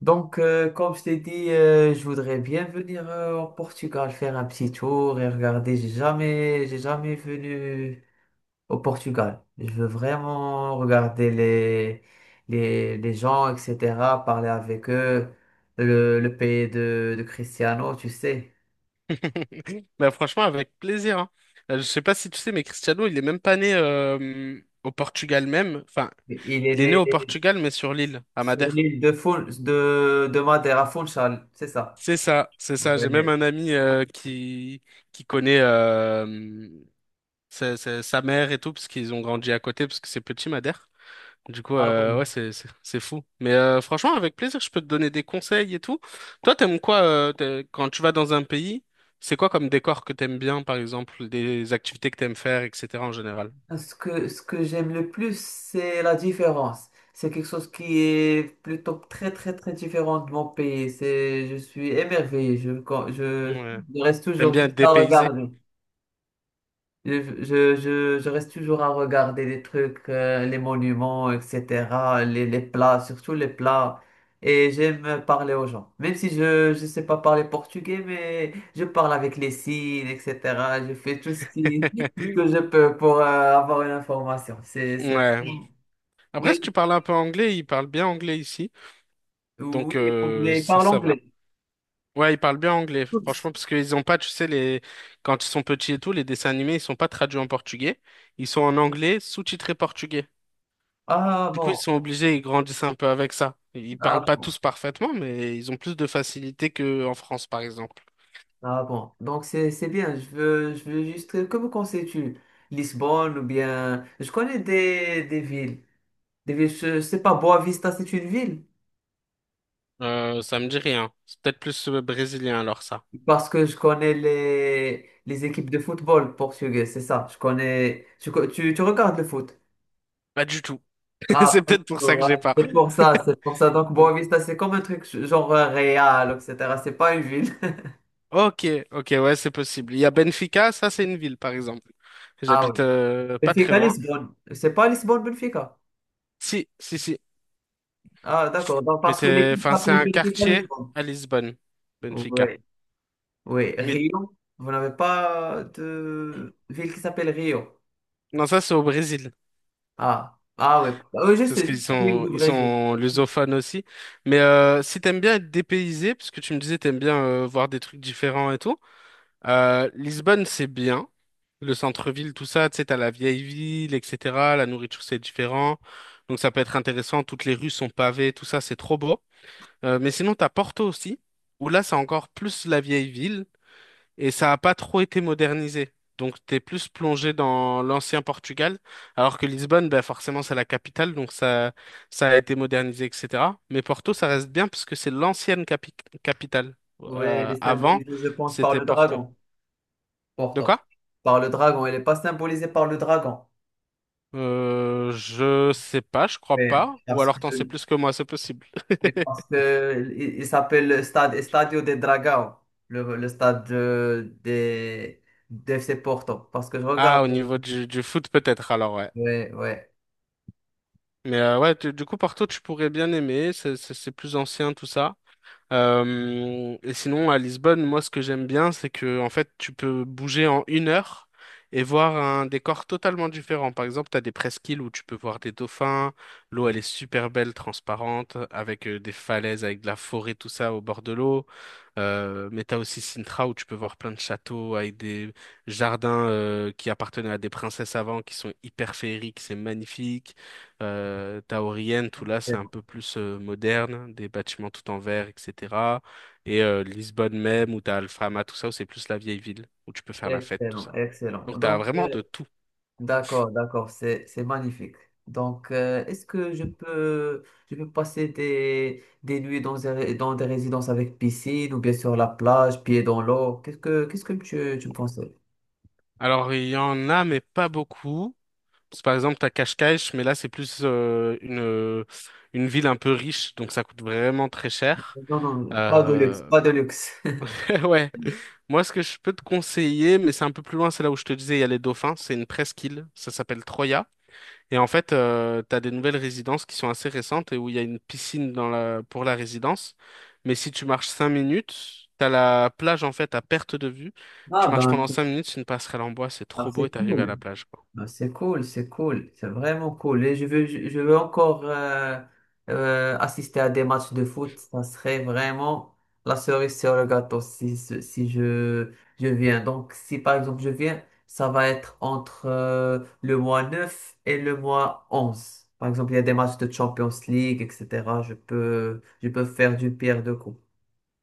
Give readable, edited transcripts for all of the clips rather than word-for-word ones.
Donc, comme je t'ai dit, je voudrais bien venir au Portugal faire un petit tour et regarder. J'ai jamais venu au Portugal. Je veux vraiment regarder les gens, etc., parler avec eux. Le pays de Cristiano, tu sais, Bah franchement, avec plaisir. Hein. Je sais pas si tu sais, mais Cristiano, il est même pas né au Portugal même. Enfin, il est il est né né au Portugal, mais sur l'île, à sur Madère. l'île de Madère, à Funchal, c'est ça. C'est ça, c'est ça. J'ai même Ouais. un ami qui connaît sa, sa mère et tout, parce qu'ils ont grandi à côté, parce que c'est petit Madère. Du coup, Ah bon. ouais, c'est fou. Mais franchement, avec plaisir, je peux te donner des conseils et tout. Toi, t'aimes quoi quand tu vas dans un pays? C'est quoi comme décor que t'aimes bien, par exemple, des activités que t'aimes faire, etc. en général? Ce que j'aime le plus, c'est la différence. C'est quelque chose qui est plutôt très, très, très différent de mon pays. Je suis émerveillé. Je, quand- je, Ouais. je reste T'aimes toujours bien être juste à dépaysé? regarder. Je, je reste toujours à regarder les trucs, les monuments, etc., les plats, surtout les plats. Et j'aime parler aux gens. Même si je sais pas parler portugais, mais je parle avec les signes, etc. Je fais tout ce qui, tout ce que je peux pour avoir une information. C'est. Ouais. Après, si tu Mais parles un peu anglais, ils parlent bien anglais ici. oui, Donc, on les ça, parle ça va. anglais. Ouais, ils parlent bien anglais, Tous. franchement, parce qu'ils ont pas, tu sais, les... quand ils sont petits et tout, les dessins animés, ils sont pas traduits en portugais. Ils sont en anglais, sous-titrés portugais. Ah Du coup, ils bon, sont obligés, ils grandissent un peu avec ça. Ils ah parlent pas bon. tous parfaitement, mais ils ont plus de facilité qu'en France, par exemple. Ah bon, donc c'est bien. Je veux juste. Que me conseilles-tu? Lisbonne ou bien. Je connais des villes. Des villes, je sais pas, Boavista, c'est une ville. Ça me dit rien. C'est peut-être plus brésilien alors ça. Parce que je connais les équipes de football portugais, c'est ça. Je connais. Tu regardes le foot? Pas du tout. Ah, C'est peut-être pour ça que voilà, j'ai pas. c'est pour ça, c'est pour ça. Donc Boavista, c'est comme un truc genre Real, etc. C'est pas une ville. Ok, ok, ouais, c'est possible. Il y a Benfica, ça c'est une ville, par exemple. Ah oui. J'habite pas très Benfica loin. Lisbonne. C'est pas Lisbonne Benfica. Si, si, si. Ah, d'accord. Donc Mais parce que c'est, l'équipe enfin, c'est s'appelle un Benfica quartier Lisbonne. à Lisbonne, Oui, Benfica. oui, Mais Rio. Vous n'avez pas de ville qui s'appelle Rio. non, ça c'est au Brésil. Ah, ah oui. Ah oui, Parce juste qu'Rio du ils Brésil. sont lusophones aussi. Mais si t'aimes bien être dépaysé, parce que tu me disais t'aimes bien voir des trucs différents et tout, Lisbonne c'est bien. Le centre-ville, tout ça, tu sais, t'as la vieille ville, etc. La nourriture c'est différent. Donc ça peut être intéressant. Toutes les rues sont pavées, tout ça, c'est trop beau. Mais sinon t'as Porto aussi, où là c'est encore plus la vieille ville et ça n'a pas trop été modernisé. Donc t'es plus plongé dans l'ancien Portugal, alors que Lisbonne, bah, forcément c'est la capitale, donc ça a été modernisé, etc. Mais Porto, ça reste bien parce que c'est l'ancienne capitale. Oui, elle est Avant, symbolisée, je pense, par c'était le Porto. dragon. De quoi? Pourtant. Par le dragon. Elle n'est pas symbolisée par le dragon. Je sais pas, je crois Mais pas. Ou parce alors t'en sais que, plus que moi, c'est possible. mais parce que il s'appelle le stade Estadio de Dragão, le stade de, des d' FC Porto. Parce que je regarde. Ah, au niveau du foot peut-être, alors ouais. Oui, oui. Mais ouais, du coup Porto, tu pourrais bien aimer, c'est plus ancien, tout ça. Et sinon, à Lisbonne, moi, ce que j'aime bien, c'est que, en fait, tu peux bouger en une heure et voir un décor totalement différent. Par exemple, tu as des presqu'îles où tu peux voir des dauphins, l'eau, elle est super belle, transparente, avec des falaises, avec de la forêt, tout ça au bord de l'eau. Mais tu as aussi Sintra où tu peux voir plein de châteaux avec des jardins qui appartenaient à des princesses avant, qui sont hyper féeriques, c'est magnifique. Taormine, tout là, c'est un Excellent, peu plus moderne, des bâtiments tout en verre, etc. Et Lisbonne même, où t'as Alfama, tout ça, où c'est plus la vieille ville, où tu peux faire la fête, tout excellent, ça. excellent. Donc t'as Donc, vraiment euh, de tout. D'accord, d'accord, c'est magnifique. Donc, est-ce que je peux passer des nuits dans dans des résidences avec piscine ou bien sur la plage, pieds dans l'eau? Qu'est-ce que tu me conseilles? Alors il y en a, mais pas beaucoup. Parce que, par exemple, t'as Cascais, mais là c'est plus une ville un peu riche, donc ça coûte vraiment très cher. Non, non, pas de luxe, Euh, pas de luxe. ouais. Moi, ce que je peux te conseiller, mais c'est un peu plus loin, c'est là où je te disais, il y a les dauphins. C'est une presqu'île, ça s'appelle Troya. Et en fait, tu as des nouvelles résidences qui sont assez récentes et où il y a une piscine dans pour la résidence. Mais si tu marches 5 minutes, tu as la plage en fait à perte de vue. Tu Ah marches ben, pendant 5 minutes, c'est une passerelle en bois, c'est ah, trop beau c'est et tu arrives à la cool. plage, quoi. Ben, c'est cool, c'est cool, c'est vraiment cool. Et je veux encore assister à des matchs de foot. Ça serait vraiment la cerise sur le gâteau si je viens. Donc, si par exemple je viens, ça va être entre le mois 9 et le mois onze. Par exemple, il y a des matchs de Champions League, etc. Je peux faire du pierre de coups.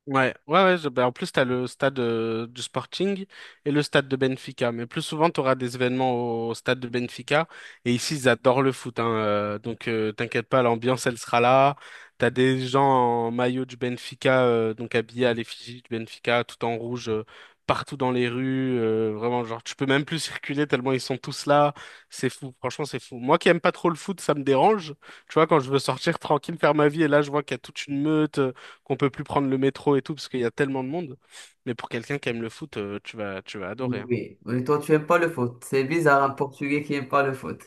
Ouais, ouais, ouais. Ben, en plus, t'as le stade du Sporting et le stade de Benfica. Mais plus souvent, t'auras des événements au stade de Benfica. Et ici, ils adorent le foot. Hein, donc, t'inquiète pas, l'ambiance, elle sera là. T'as des gens en maillot du Benfica, donc habillés à l'effigie du Benfica, tout en rouge, partout dans les rues. Vraiment, genre, tu peux même plus circuler tellement ils sont tous là. C'est fou. Franchement, c'est fou. Moi qui aime pas trop le foot, ça me dérange. Tu vois, quand je veux sortir tranquille, faire ma vie, et là, je vois qu'il y a toute une meute qu'on peut plus prendre le métro et tout parce qu'il y a tellement de monde. Mais pour quelqu'un qui aime le foot, tu vas, adorer. Hein. Oui, mais toi tu aimes pas le foot. C'est bizarre, un Mm. Portugais qui aime pas le foot.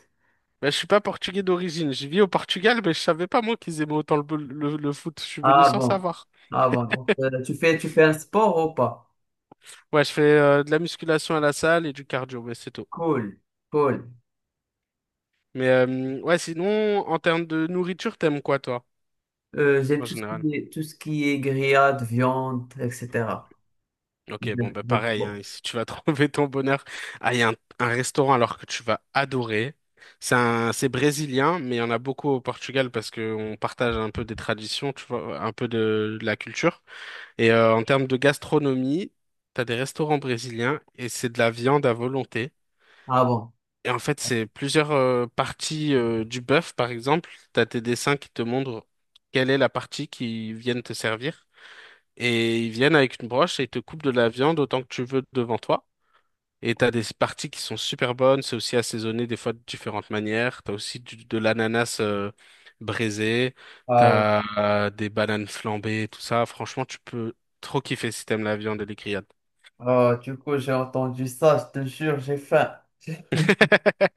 Bah, je suis pas portugais d'origine. Je vis au Portugal, mais je savais pas moi qu'ils aimaient autant le foot. Je suis venu Ah sans bon, savoir. ah bon. Donc, tu fais un sport ou pas? Ouais, je fais de la musculation à la salle et du cardio, mais c'est tout. Cool, cool. Mais ouais, sinon, en termes de nourriture, t'aimes quoi toi, J'aime en général? Tout ce qui est grillade, viande, etc. Ok, bon, J'aime bah j'aime pareil, trop. hein, si tu vas trouver ton bonheur, ah, il y a un restaurant alors que tu vas adorer. C'est c'est brésilien, mais il y en a beaucoup au Portugal parce qu'on partage un peu des traditions, tu vois, un peu de la culture. Et en termes de gastronomie, t'as des restaurants brésiliens et c'est de la viande à volonté. Ah bon. Et en fait, c'est plusieurs parties du bœuf, par exemple. T'as tes dessins qui te montrent quelle est la partie qu'ils viennent te servir. Et ils viennent avec une broche et ils te coupent de la viande autant que tu veux devant toi. Et t'as des parties qui sont super bonnes, c'est aussi assaisonné des fois de différentes manières. T'as aussi de l'ananas braisé, Ah, ouais. t'as des bananes flambées, tout ça. Franchement, tu peux trop kiffer si t'aimes la viande et les grillades. Ah, du coup, j'ai entendu ça, je te jure, j'ai faim.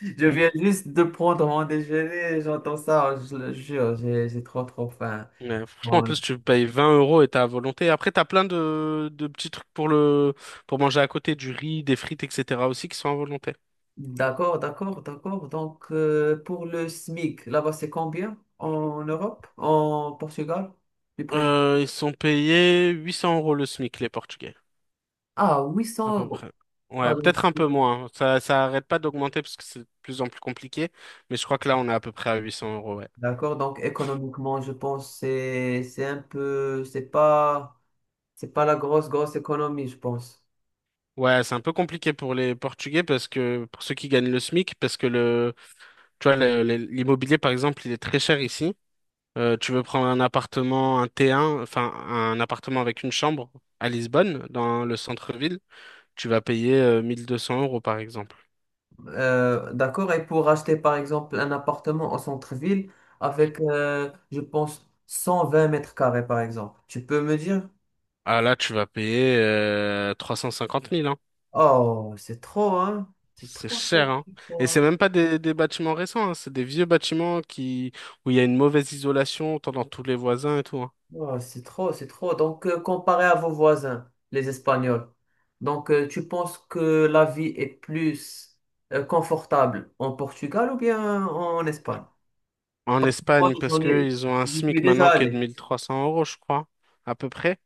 Je viens juste de prendre mon déjeuner, j'entends ça, je le jure, j'ai trop trop faim. Mm. Ouais, franchement, en plus, tu payes 20 € et t'as à volonté. Après, t'as plein de petits trucs pour le pour manger à côté, du riz, des frites, etc. aussi qui sont à volonté. D'accord, d'accord, d'accord. Donc, pour le SMIC, là-bas, c'est combien en Europe, en Portugal, du président? Ils sont payés 800 € le SMIC, les Portugais. Ah, À 800 peu euros. près. Ah, Ouais, donc, peut-être un peu moins. Ça arrête pas d'augmenter parce que c'est de plus en plus compliqué. Mais je crois que là, on est à peu près à 800 euros, ouais. d'accord. Donc, économiquement, je pense c'est un peu, c'est pas la grosse, grosse économie, je pense. Ouais, c'est un peu compliqué pour les Portugais parce que, pour ceux qui gagnent le SMIC, parce que tu vois, l'immobilier, par exemple, il est très cher ici. Tu veux prendre un appartement, un T1, enfin, un appartement avec une chambre à Lisbonne, dans le centre-ville, tu vas payer 1200 euros, par exemple. D'accord. Et pour acheter, par exemple, un appartement en centre-ville avec, je pense, 120 mètres carrés, par exemple, tu peux me dire? Ah là, tu vas payer 350 000 hein. Oh, c'est trop, hein? C'est C'est trop, cher, trop, hein. Et c'est trop. même pas des bâtiments récents, hein. C'est des vieux bâtiments qui, où il y a une mauvaise isolation, entend dans tous les voisins et tout, hein. Oh, c'est trop, c'est trop. Donc, comparé à vos voisins, les Espagnols, donc tu penses que la vie est plus confortable en Portugal ou bien en Espagne? En Moi, Espagne, parce que ils ont un j'y suis SMIC déjà maintenant qui est de allé. 1300 euros, je crois, à peu près.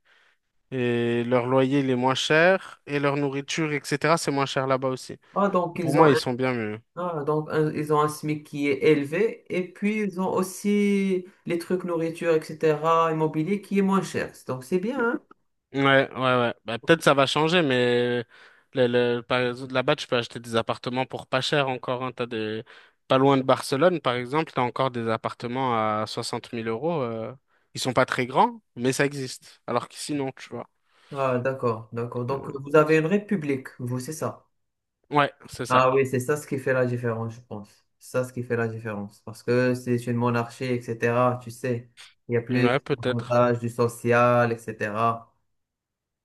Et leur loyer, il est moins cher. Et leur nourriture, etc., c'est moins cher là-bas aussi. Ah, Et pour moi, ils sont bien mieux. Donc ils ont un SMIC qui est élevé et puis ils ont aussi les trucs nourriture, etc., immobilier qui est moins cher. Donc c'est bien, hein? Ouais, ouais, ouais. Bah, peut-être ça va changer, mais par exemple, là-bas, tu peux acheter des appartements pour pas cher encore. Hein. T'as des... Pas loin de Barcelone, par exemple, t'as encore des appartements à soixante mille euros. Ils sont pas très grands, mais ça existe. Alors qu'ici, non, tu vois. Ah, d'accord, d'accord. Donc Euh, vous avez une république, vous, c'est ça. Ouais, c'est ça. Ah oui, c'est ça ce qui fait la différence, je pense. C'est ça ce qui fait la différence. Parce que c'est une monarchie, etc. Tu sais, il y a plus Ouais, peut-être. d'avantages du social, etc.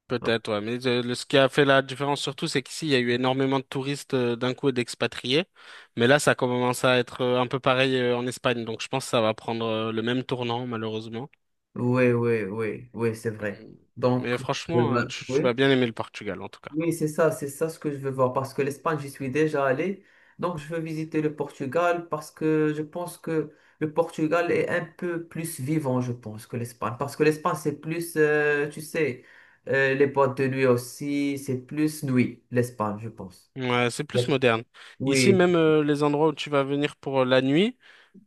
Peut-être, ouais. Mais ce qui a fait la différence surtout, c'est qu'ici, il y a eu énormément de touristes d'un coup et d'expatriés. Mais là, ça commence à être un peu pareil en Espagne. Donc, je pense que ça va prendre le même tournant, malheureusement. Oui, oui, oui, oui, c'est vrai. Mm. Mais Donc, franchement, bah, tu, vas oui. bien aimer le Portugal en tout cas. Oui, c'est ça ce que je veux voir parce que l'Espagne, j'y suis déjà allé. Donc, je veux visiter le Portugal parce que je pense que le Portugal est un peu plus vivant, je pense, que l'Espagne. Parce que l'Espagne, c'est plus, tu sais, les boîtes de nuit aussi, c'est plus nuit, l'Espagne, je pense. Ouais, c'est plus Yep. moderne. Ici, Oui, même les endroits où tu vas venir pour la nuit,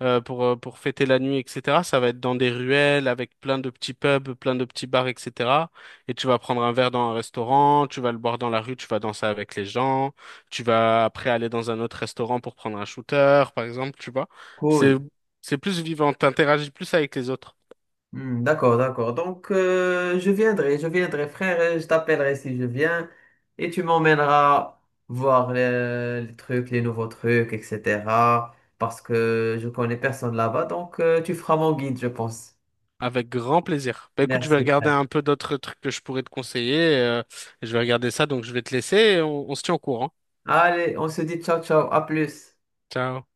pour fêter la nuit, etc., ça va être dans des ruelles avec plein de petits pubs, plein de petits bars, etc. Et tu vas prendre un verre dans un restaurant, tu vas le boire dans la rue, tu vas danser avec les gens, tu vas après aller dans un autre restaurant pour prendre un shooter, par exemple, tu vois. C'est, cool. c'est plus vivant, t'interagis plus avec les autres. Hmm, d'accord, d'accord. Donc, je viendrai, frère, et je t'appellerai si je viens, et tu m'emmèneras voir les trucs, les nouveaux trucs, etc. Parce que je connais personne là-bas, donc tu feras mon guide, je pense. Avec grand plaisir. Bah écoute, je vais Merci, regarder frère. un peu d'autres trucs que je pourrais te conseiller. Et je vais regarder ça, donc je vais te laisser et on se tient au courant. Allez, on se dit ciao, ciao, à plus. Ciao.